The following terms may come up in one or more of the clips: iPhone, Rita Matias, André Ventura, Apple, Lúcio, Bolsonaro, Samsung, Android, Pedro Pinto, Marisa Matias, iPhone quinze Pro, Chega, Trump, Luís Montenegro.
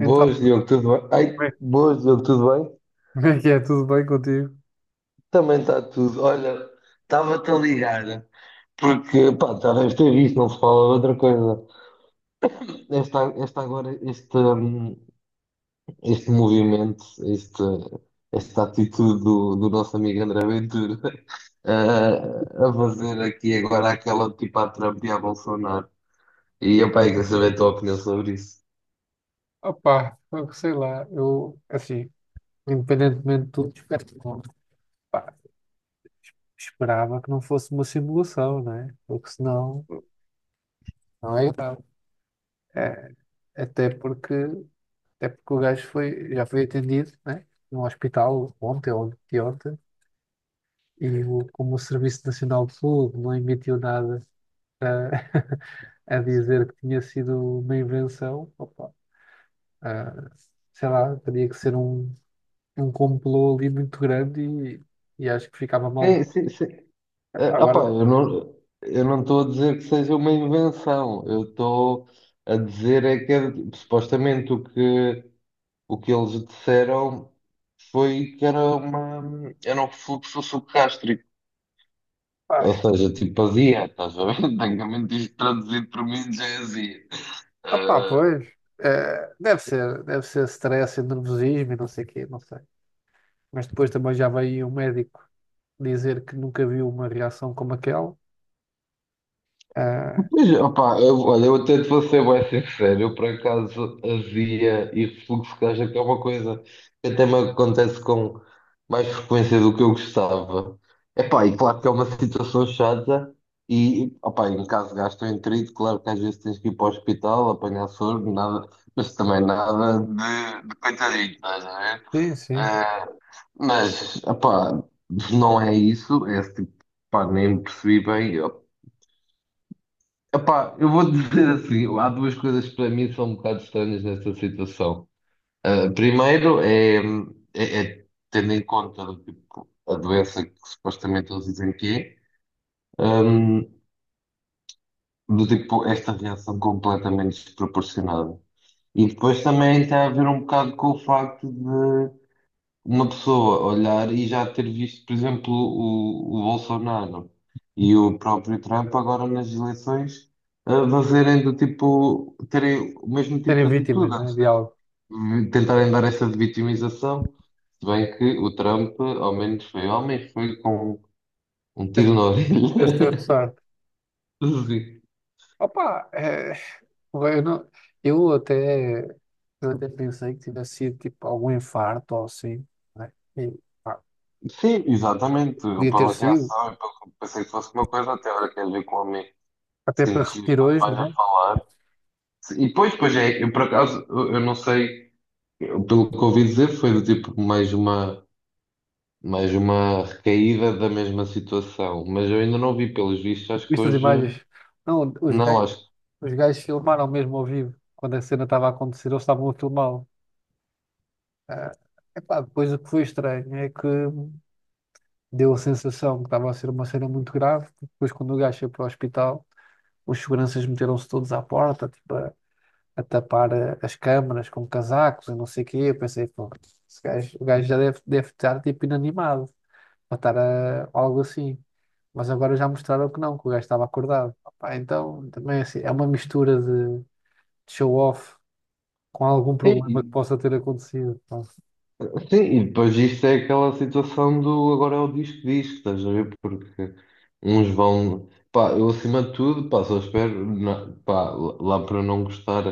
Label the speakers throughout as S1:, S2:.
S1: Então,
S2: Diogo, tudo bem?
S1: como
S2: Ai,
S1: é
S2: boas, Diogo, tudo bem?
S1: como é que é? Tudo bem contigo?
S2: Também está tudo. Olha, estava-te a ligar, porque, pá, já deves ter visto, não se fala de outra coisa. Esta agora, este este movimento, este, esta atitude do nosso amigo André Ventura, a fazer aqui agora aquela tipo à Trump e à Bolsonaro. E, pá, eu quero saber a tua opinião sobre isso.
S1: Opa, sei lá, eu, assim, independentemente de tudo, espero que não- pá, esperava que não fosse uma simulação, né? Porque senão, não é grave. É, até porque, até porque o gajo foi, já foi atendido, né? No hospital ontem ou anteontem, como o Serviço Nacional de Saúde não emitiu nada a, a dizer que tinha sido uma invenção, opa, ah, sei lá, teria que ser um. Um complô ali muito grande e acho que ficava mal.
S2: Sim, sim, sim. Opá,
S1: Agora,
S2: eu não estou a dizer que seja uma invenção, eu estou a dizer é que supostamente o que eles disseram foi que era um refluxo subgástrico,
S1: pá,
S2: ou seja, tipo azia, estás a ver? Tecnicamente isto traduzido por mim já é azia.
S1: pá, pois, deve ser stress e nervosismo e não sei o quê, não sei. Mas depois também já veio um médico dizer que nunca viu uma reação como aquela. Ah,
S2: Pois, opá, eu, olha, eu até te vou ser bem sincero, eu por acaso havia e fluxo de caixa, que é uma coisa que até me acontece com mais frequência do que eu gostava. Epá, e claro que é uma situação chata e, opá, em caso de gastroenterite, claro que às vezes tens que ir para o hospital, apanhar soro, nada, mas também nada de coitadinho, estás a ver?
S1: sim, sim.
S2: Ah, mas, opá, não é isso, é esse tipo, pá, nem percebi bem. Epá, eu vou dizer assim, há duas coisas que para mim são um bocado estranhas nesta situação. Ah, primeiro é tendo em conta do tipo, a doença que supostamente eles dizem que é do tipo esta reação completamente desproporcionada. E depois também tem a ver um bocado com o facto uma pessoa olhar e já ter visto, por exemplo, o Bolsonaro e o próprio Trump agora nas eleições a fazerem do tipo, terem o mesmo
S1: Serem
S2: tipo de
S1: vítimas,
S2: atitude,
S1: né,
S2: antes
S1: de algo.
S2: de tentarem dar essa de vitimização, se bem que o Trump ao menos foi homem, foi com um
S1: Esse
S2: tiro na orelha.
S1: esse ter sorte.
S2: Sim.
S1: Opa, eu, não- eu até, eu até pensei que tivesse sido tipo algum infarto ou assim, né? E, pá,
S2: Sim, exatamente.
S1: podia ter
S2: Pela
S1: sido,
S2: reação, pensei que fosse uma coisa até agora quer ver com o homem.
S1: até para
S2: Sim, sim,
S1: repetir
S2: está
S1: hoje,
S2: mais a
S1: né?
S2: falar. E depois, pois é, eu por acaso, eu não sei, pelo que ouvi dizer, foi do tipo mais uma recaída da mesma situação, mas eu ainda não vi pelos vistos, acho que
S1: Viste as
S2: hoje,
S1: imagens? Não,
S2: não, acho que.
S1: os gajos filmaram mesmo ao vivo, quando a cena estava a acontecer, eles estavam a filmá-lo. Ah, epá, depois o que foi estranho é que deu a sensação que estava a ser uma cena muito grave. Depois, quando o gajo foi para o hospital, os seguranças meteram-se todos à porta, tipo, a tapar as câmaras com casacos e não sei o quê. Eu pensei, pô, o gajo já deve, deve estar tipo inanimado. Algo assim. Mas agora já mostraram que não, que o gajo estava acordado. Opá, então também é assim, é uma mistura de show-off com algum problema que
S2: Sim.
S1: possa ter acontecido. Pá.
S2: Sim, e depois isto é aquela situação do agora é o disco, estás a ver? Porque uns vão. Pá, eu acima de tudo, pá, só espero, pá, lá para não gostar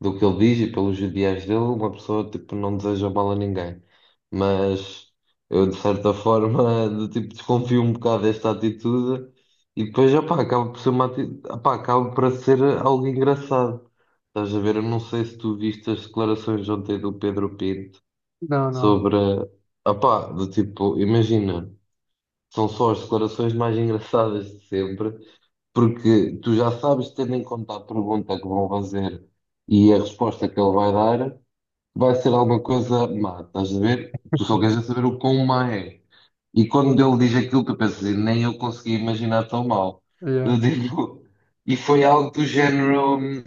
S2: do que ele diz e pelos ideais dele, uma pessoa tipo não deseja mal a ninguém. Mas eu de certa forma do tipo desconfio um bocado desta atitude e depois, opá, acaba por ser uma atitude, opá, acaba por ser algo engraçado. Estás a ver? Eu não sei se tu viste as declarações ontem do Pedro Pinto
S1: Não, não.
S2: sobre, opá, do tipo, imagina, são só as declarações mais engraçadas de sempre, porque tu já sabes, tendo em conta a pergunta que vão fazer e a resposta que ele vai dar, vai ser alguma coisa má, estás a ver? Tu só queres é saber o quão má é. E quando ele diz aquilo, tu pensas, assim, nem eu consegui imaginar tão mal.
S1: Yeah.
S2: Eu digo, e foi algo do género.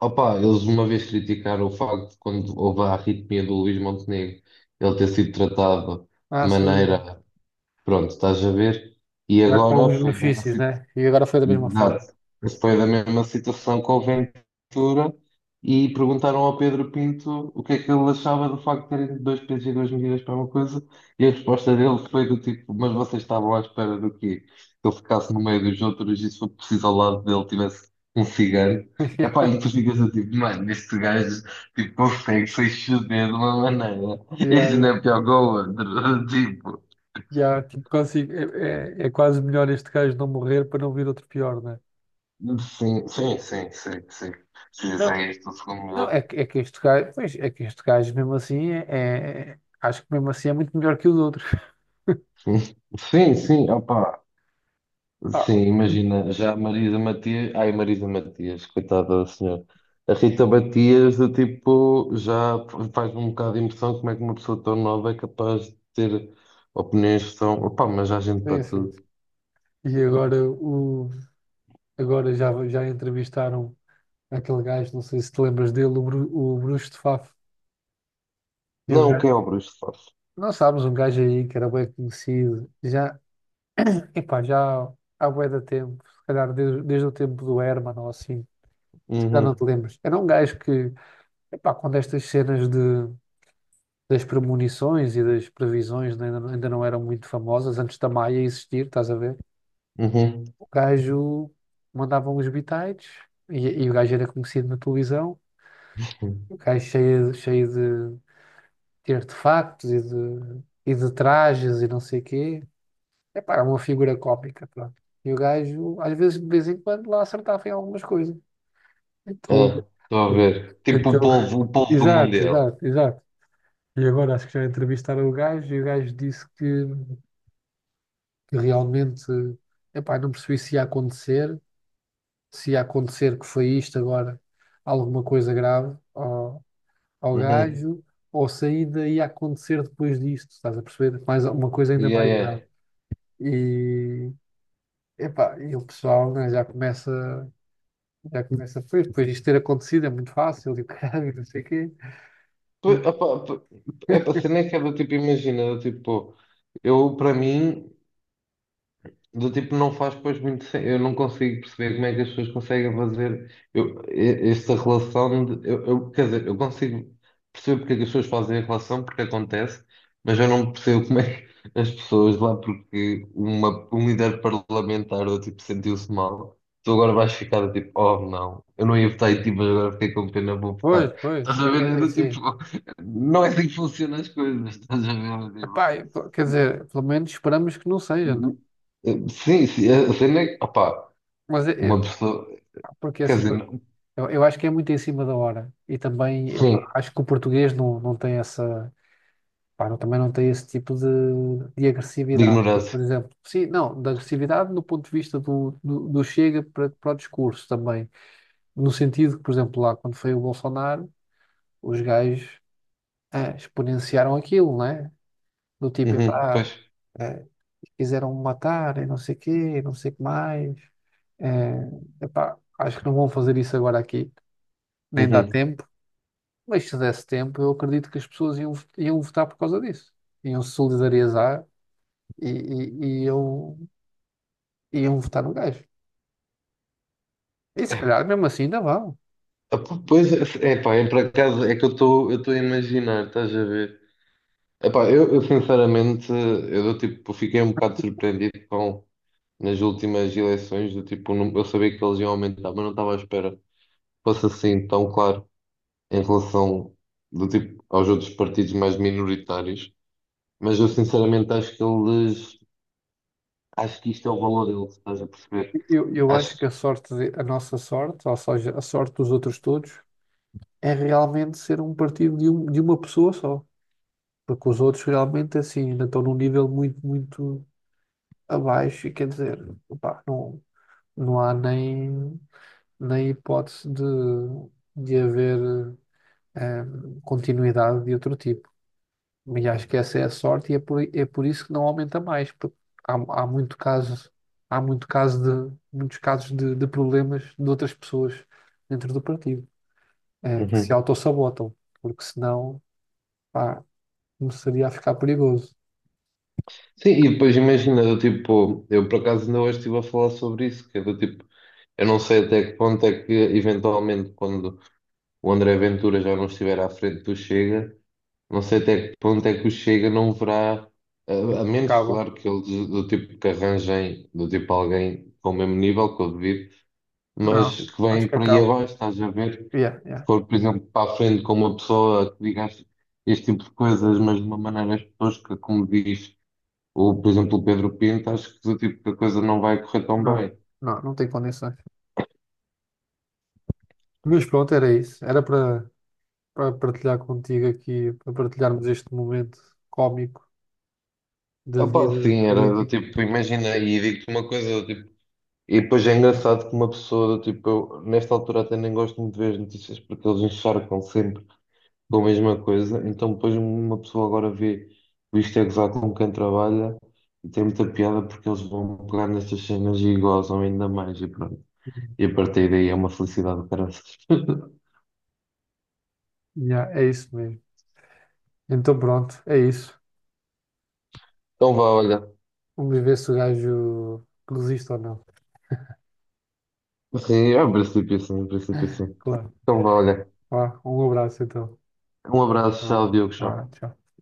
S2: Opa, eles uma vez criticaram o facto de quando houve a arritmia do Luís Montenegro, ele ter sido tratado
S1: Ah,
S2: de
S1: sim.
S2: maneira, pronto, estás a ver? E
S1: Já com
S2: agora
S1: alguns
S2: foi mesmo
S1: benefícios,
S2: assim.
S1: né? E agora foi da mesma forma.
S2: Exato. Foi da mesma situação com o Ventura e perguntaram ao Pedro Pinto o que é que ele achava do facto de terem dois pesos e duas medidas para uma coisa e a resposta dele foi do tipo, mas vocês estavam à espera do quê? Que ele ficasse no meio dos outros e se for preciso ao lado dele tivesse um cigano. Epá, e tu ficas a tipo, mano, este gajo tipo, consegue se exceder de uma maneira.
S1: Yeah,
S2: Este não
S1: yeah.
S2: é pior que o outro.
S1: Yeah, tipo, consigo. É, quase melhor este gajo não morrer para não vir outro pior, né?
S2: Tipo, sim, sim, sim, sim, sim. Se
S1: Não,
S2: fizer isto, o segundo
S1: não,
S2: melhor.
S1: é que este gajo, pois, é que este gajo mesmo assim acho que mesmo assim é muito melhor que os outros.
S2: Sim, sim, opa,
S1: Ah,
S2: sim, imagina, já a Marisa Matias, ai Marisa Matias, coitada da senhora, a Rita Matias, do tipo, já faz um bocado de impressão como é que uma pessoa tão nova é capaz de ter opiniões que são, opa, mas há gente
S1: sim,
S2: para
S1: sim.
S2: tudo.
S1: E agora, o, agora já, já entrevistaram aquele gajo, não sei se te lembras dele, o Bruxo de Faf. E o
S2: Não, que
S1: gajo,
S2: é obras de fato.
S1: nós sabes, um gajo aí que era bem conhecido, já, epá, já há bué de tempo, se calhar desde, desde o tempo do Herman ou assim, se calhar não te
S2: Uhum,
S1: lembras. Era um gajo que epá, quando estas cenas de, das premonições e das previsões ainda não eram muito famosas, antes da Maia existir, estás a ver?
S2: uhum.
S1: O gajo mandava uns bitites e o gajo era conhecido na televisão, o gajo cheio de artefactos e de trajes e não sei o quê. Epá, era uma figura cómica, pronto. E o gajo, às vezes, de vez em quando, lá acertava em algumas coisas.
S2: É,
S1: Então,
S2: estou a ver. Tipo
S1: então,
S2: o povo do
S1: exato,
S2: Mundial.
S1: exato, exato. E agora acho que já entrevistaram o gajo e o gajo disse que realmente, epá, não percebi se ia acontecer, se ia acontecer que foi isto agora, alguma coisa grave ao, ao
S2: Uhum.
S1: gajo, ou se ainda ia acontecer depois disto, estás a perceber? Mais, uma coisa ainda
S2: Yeah,
S1: mais
S2: yeah.
S1: grave. E, epá, e o pessoal, né, já começa, pois, depois disto ter acontecido é muito fácil, e o caralho, não sei o quê.
S2: Pois,
S1: E,
S2: opa, é para ser nem que é do tipo, imagina, do tipo, eu para mim. Do tipo, não faz depois muito Eu não consigo perceber como é que as pessoas conseguem fazer esta relação. Quer dizer, eu consigo perceber porque é que as pessoas fazem a relação, porque acontece, mas eu não percebo como é que as pessoas lá, porque um líder parlamentar do tipo sentiu-se mal. Tu agora vais ficar do tipo, oh não, eu não ia votar em ti, mas agora fiquei com pena, vou
S1: pois,
S2: votar.
S1: pois,
S2: Estás
S1: é,
S2: a ver? É
S1: é é
S2: do tipo,
S1: assim.
S2: não é assim que funcionam as coisas, estás a ver? É do
S1: Epá, e, pô, quer dizer, pelo menos esperamos que não seja, né?
S2: tipo, Sim, sim, a cena é que, opá,
S1: Mas é-
S2: uma
S1: é-
S2: pessoa,
S1: porque
S2: quer
S1: assim,
S2: dizer, não-
S1: eu acho que é muito em cima da hora. E também
S2: sim,
S1: epá, acho que o português não tem essa, pá, não- também não tem esse tipo de
S2: de
S1: agressividade. Porque,
S2: ignorância.
S1: por exemplo, sim, não, da agressividade no ponto de vista do chega para o discurso também. No sentido que, por exemplo, lá quando foi o Bolsonaro, os gajos exponenciaram aquilo, né? Do tipo,
S2: Uhum,
S1: epá,
S2: pois,
S1: eh, quiseram me matar e não sei o quê, e não sei o que mais. Eh, epá, acho que não vão fazer isso agora aqui. Nem dá
S2: uhum.
S1: tempo, mas se desse tempo, eu acredito que as pessoas iam, iam votar por causa disso. Iam se solidarizar e, e, e iam, iam votar no gajo. E se calhar mesmo assim ainda vão.
S2: Ah, Pois, é pá, é por acaso, é que eu estou a imaginar, estás a ver? Epá, eu sinceramente, eu do tipo, fiquei um bocado surpreendido com, nas últimas eleições, do tipo, eu sabia que eles iam aumentar, mas não estava à espera que fosse assim tão claro em relação, do tipo, aos outros partidos mais minoritários. Mas eu sinceramente acho que eles, acho que isto é o valor deles, estás a perceber?
S1: Eu acho
S2: Acho.
S1: que a nossa sorte, ou seja, a sorte dos outros todos, é realmente ser um partido de uma pessoa só. Porque os outros realmente assim ainda estão num nível muito, muito abaixo e quer dizer, opá, não, não há nem, nem hipótese de haver continuidade de outro tipo. E acho que essa é a sorte e é é por isso que não aumenta mais, porque Há, há muito caso há muito caso muitos casos de problemas de outras pessoas dentro do partido, que se autossabotam, porque senão, pá, começaria a ficar perigoso.
S2: Sim, e depois imagina, do tipo, eu por acaso ainda hoje estive a falar sobre isso, que é do tipo, eu não sei até que ponto é que eventualmente quando o André Ventura já não estiver à frente do Chega, não sei até que ponto é que o Chega não verá, a, a menos
S1: Acaba.
S2: claro que eles do tipo que arranjem, do tipo alguém com o mesmo nível que o devido,
S1: Não,
S2: mas que
S1: acho
S2: vem
S1: que
S2: para aí
S1: acaba.
S2: abaixo, estás a ver?
S1: Yeah,
S2: Se
S1: yeah.
S2: for, por exemplo, para a frente com uma pessoa que diga este tipo de coisas, mas de uma maneira tosca, como diz. O por exemplo, o Pedro Pinto, acho que do tipo que a coisa não vai correr tão
S1: Não,
S2: bem.
S1: não, não tem condições. Mas pronto, era isso. Era para partilhar contigo aqui, para partilharmos este momento cómico da
S2: Opa,
S1: vida
S2: sim, era do
S1: política.
S2: tipo, imagina, e digo-te uma coisa, do tipo, e depois é engraçado que uma pessoa, do tipo, eu nesta altura até nem gosto muito de ver as notícias porque eles encharcam sempre com a mesma coisa, então depois uma pessoa agora vê o Isto é Gozar com quem trabalha e tem muita piada porque eles vão pegar nestas cenas e gozam ainda mais e pronto. E a partir daí é uma felicidade, parece.
S1: Yeah, é isso mesmo. Então pronto, é isso.
S2: Então vá, olha.
S1: Vamos ver se o gajo resiste ou não.
S2: Sim, é um princípio sim, um princípio sim.
S1: Claro.
S2: Então vá, olha.
S1: Vá, um abraço então.
S2: Um abraço,
S1: Vá,
S2: tchau, Diogo, tchau.
S1: vá, tchau.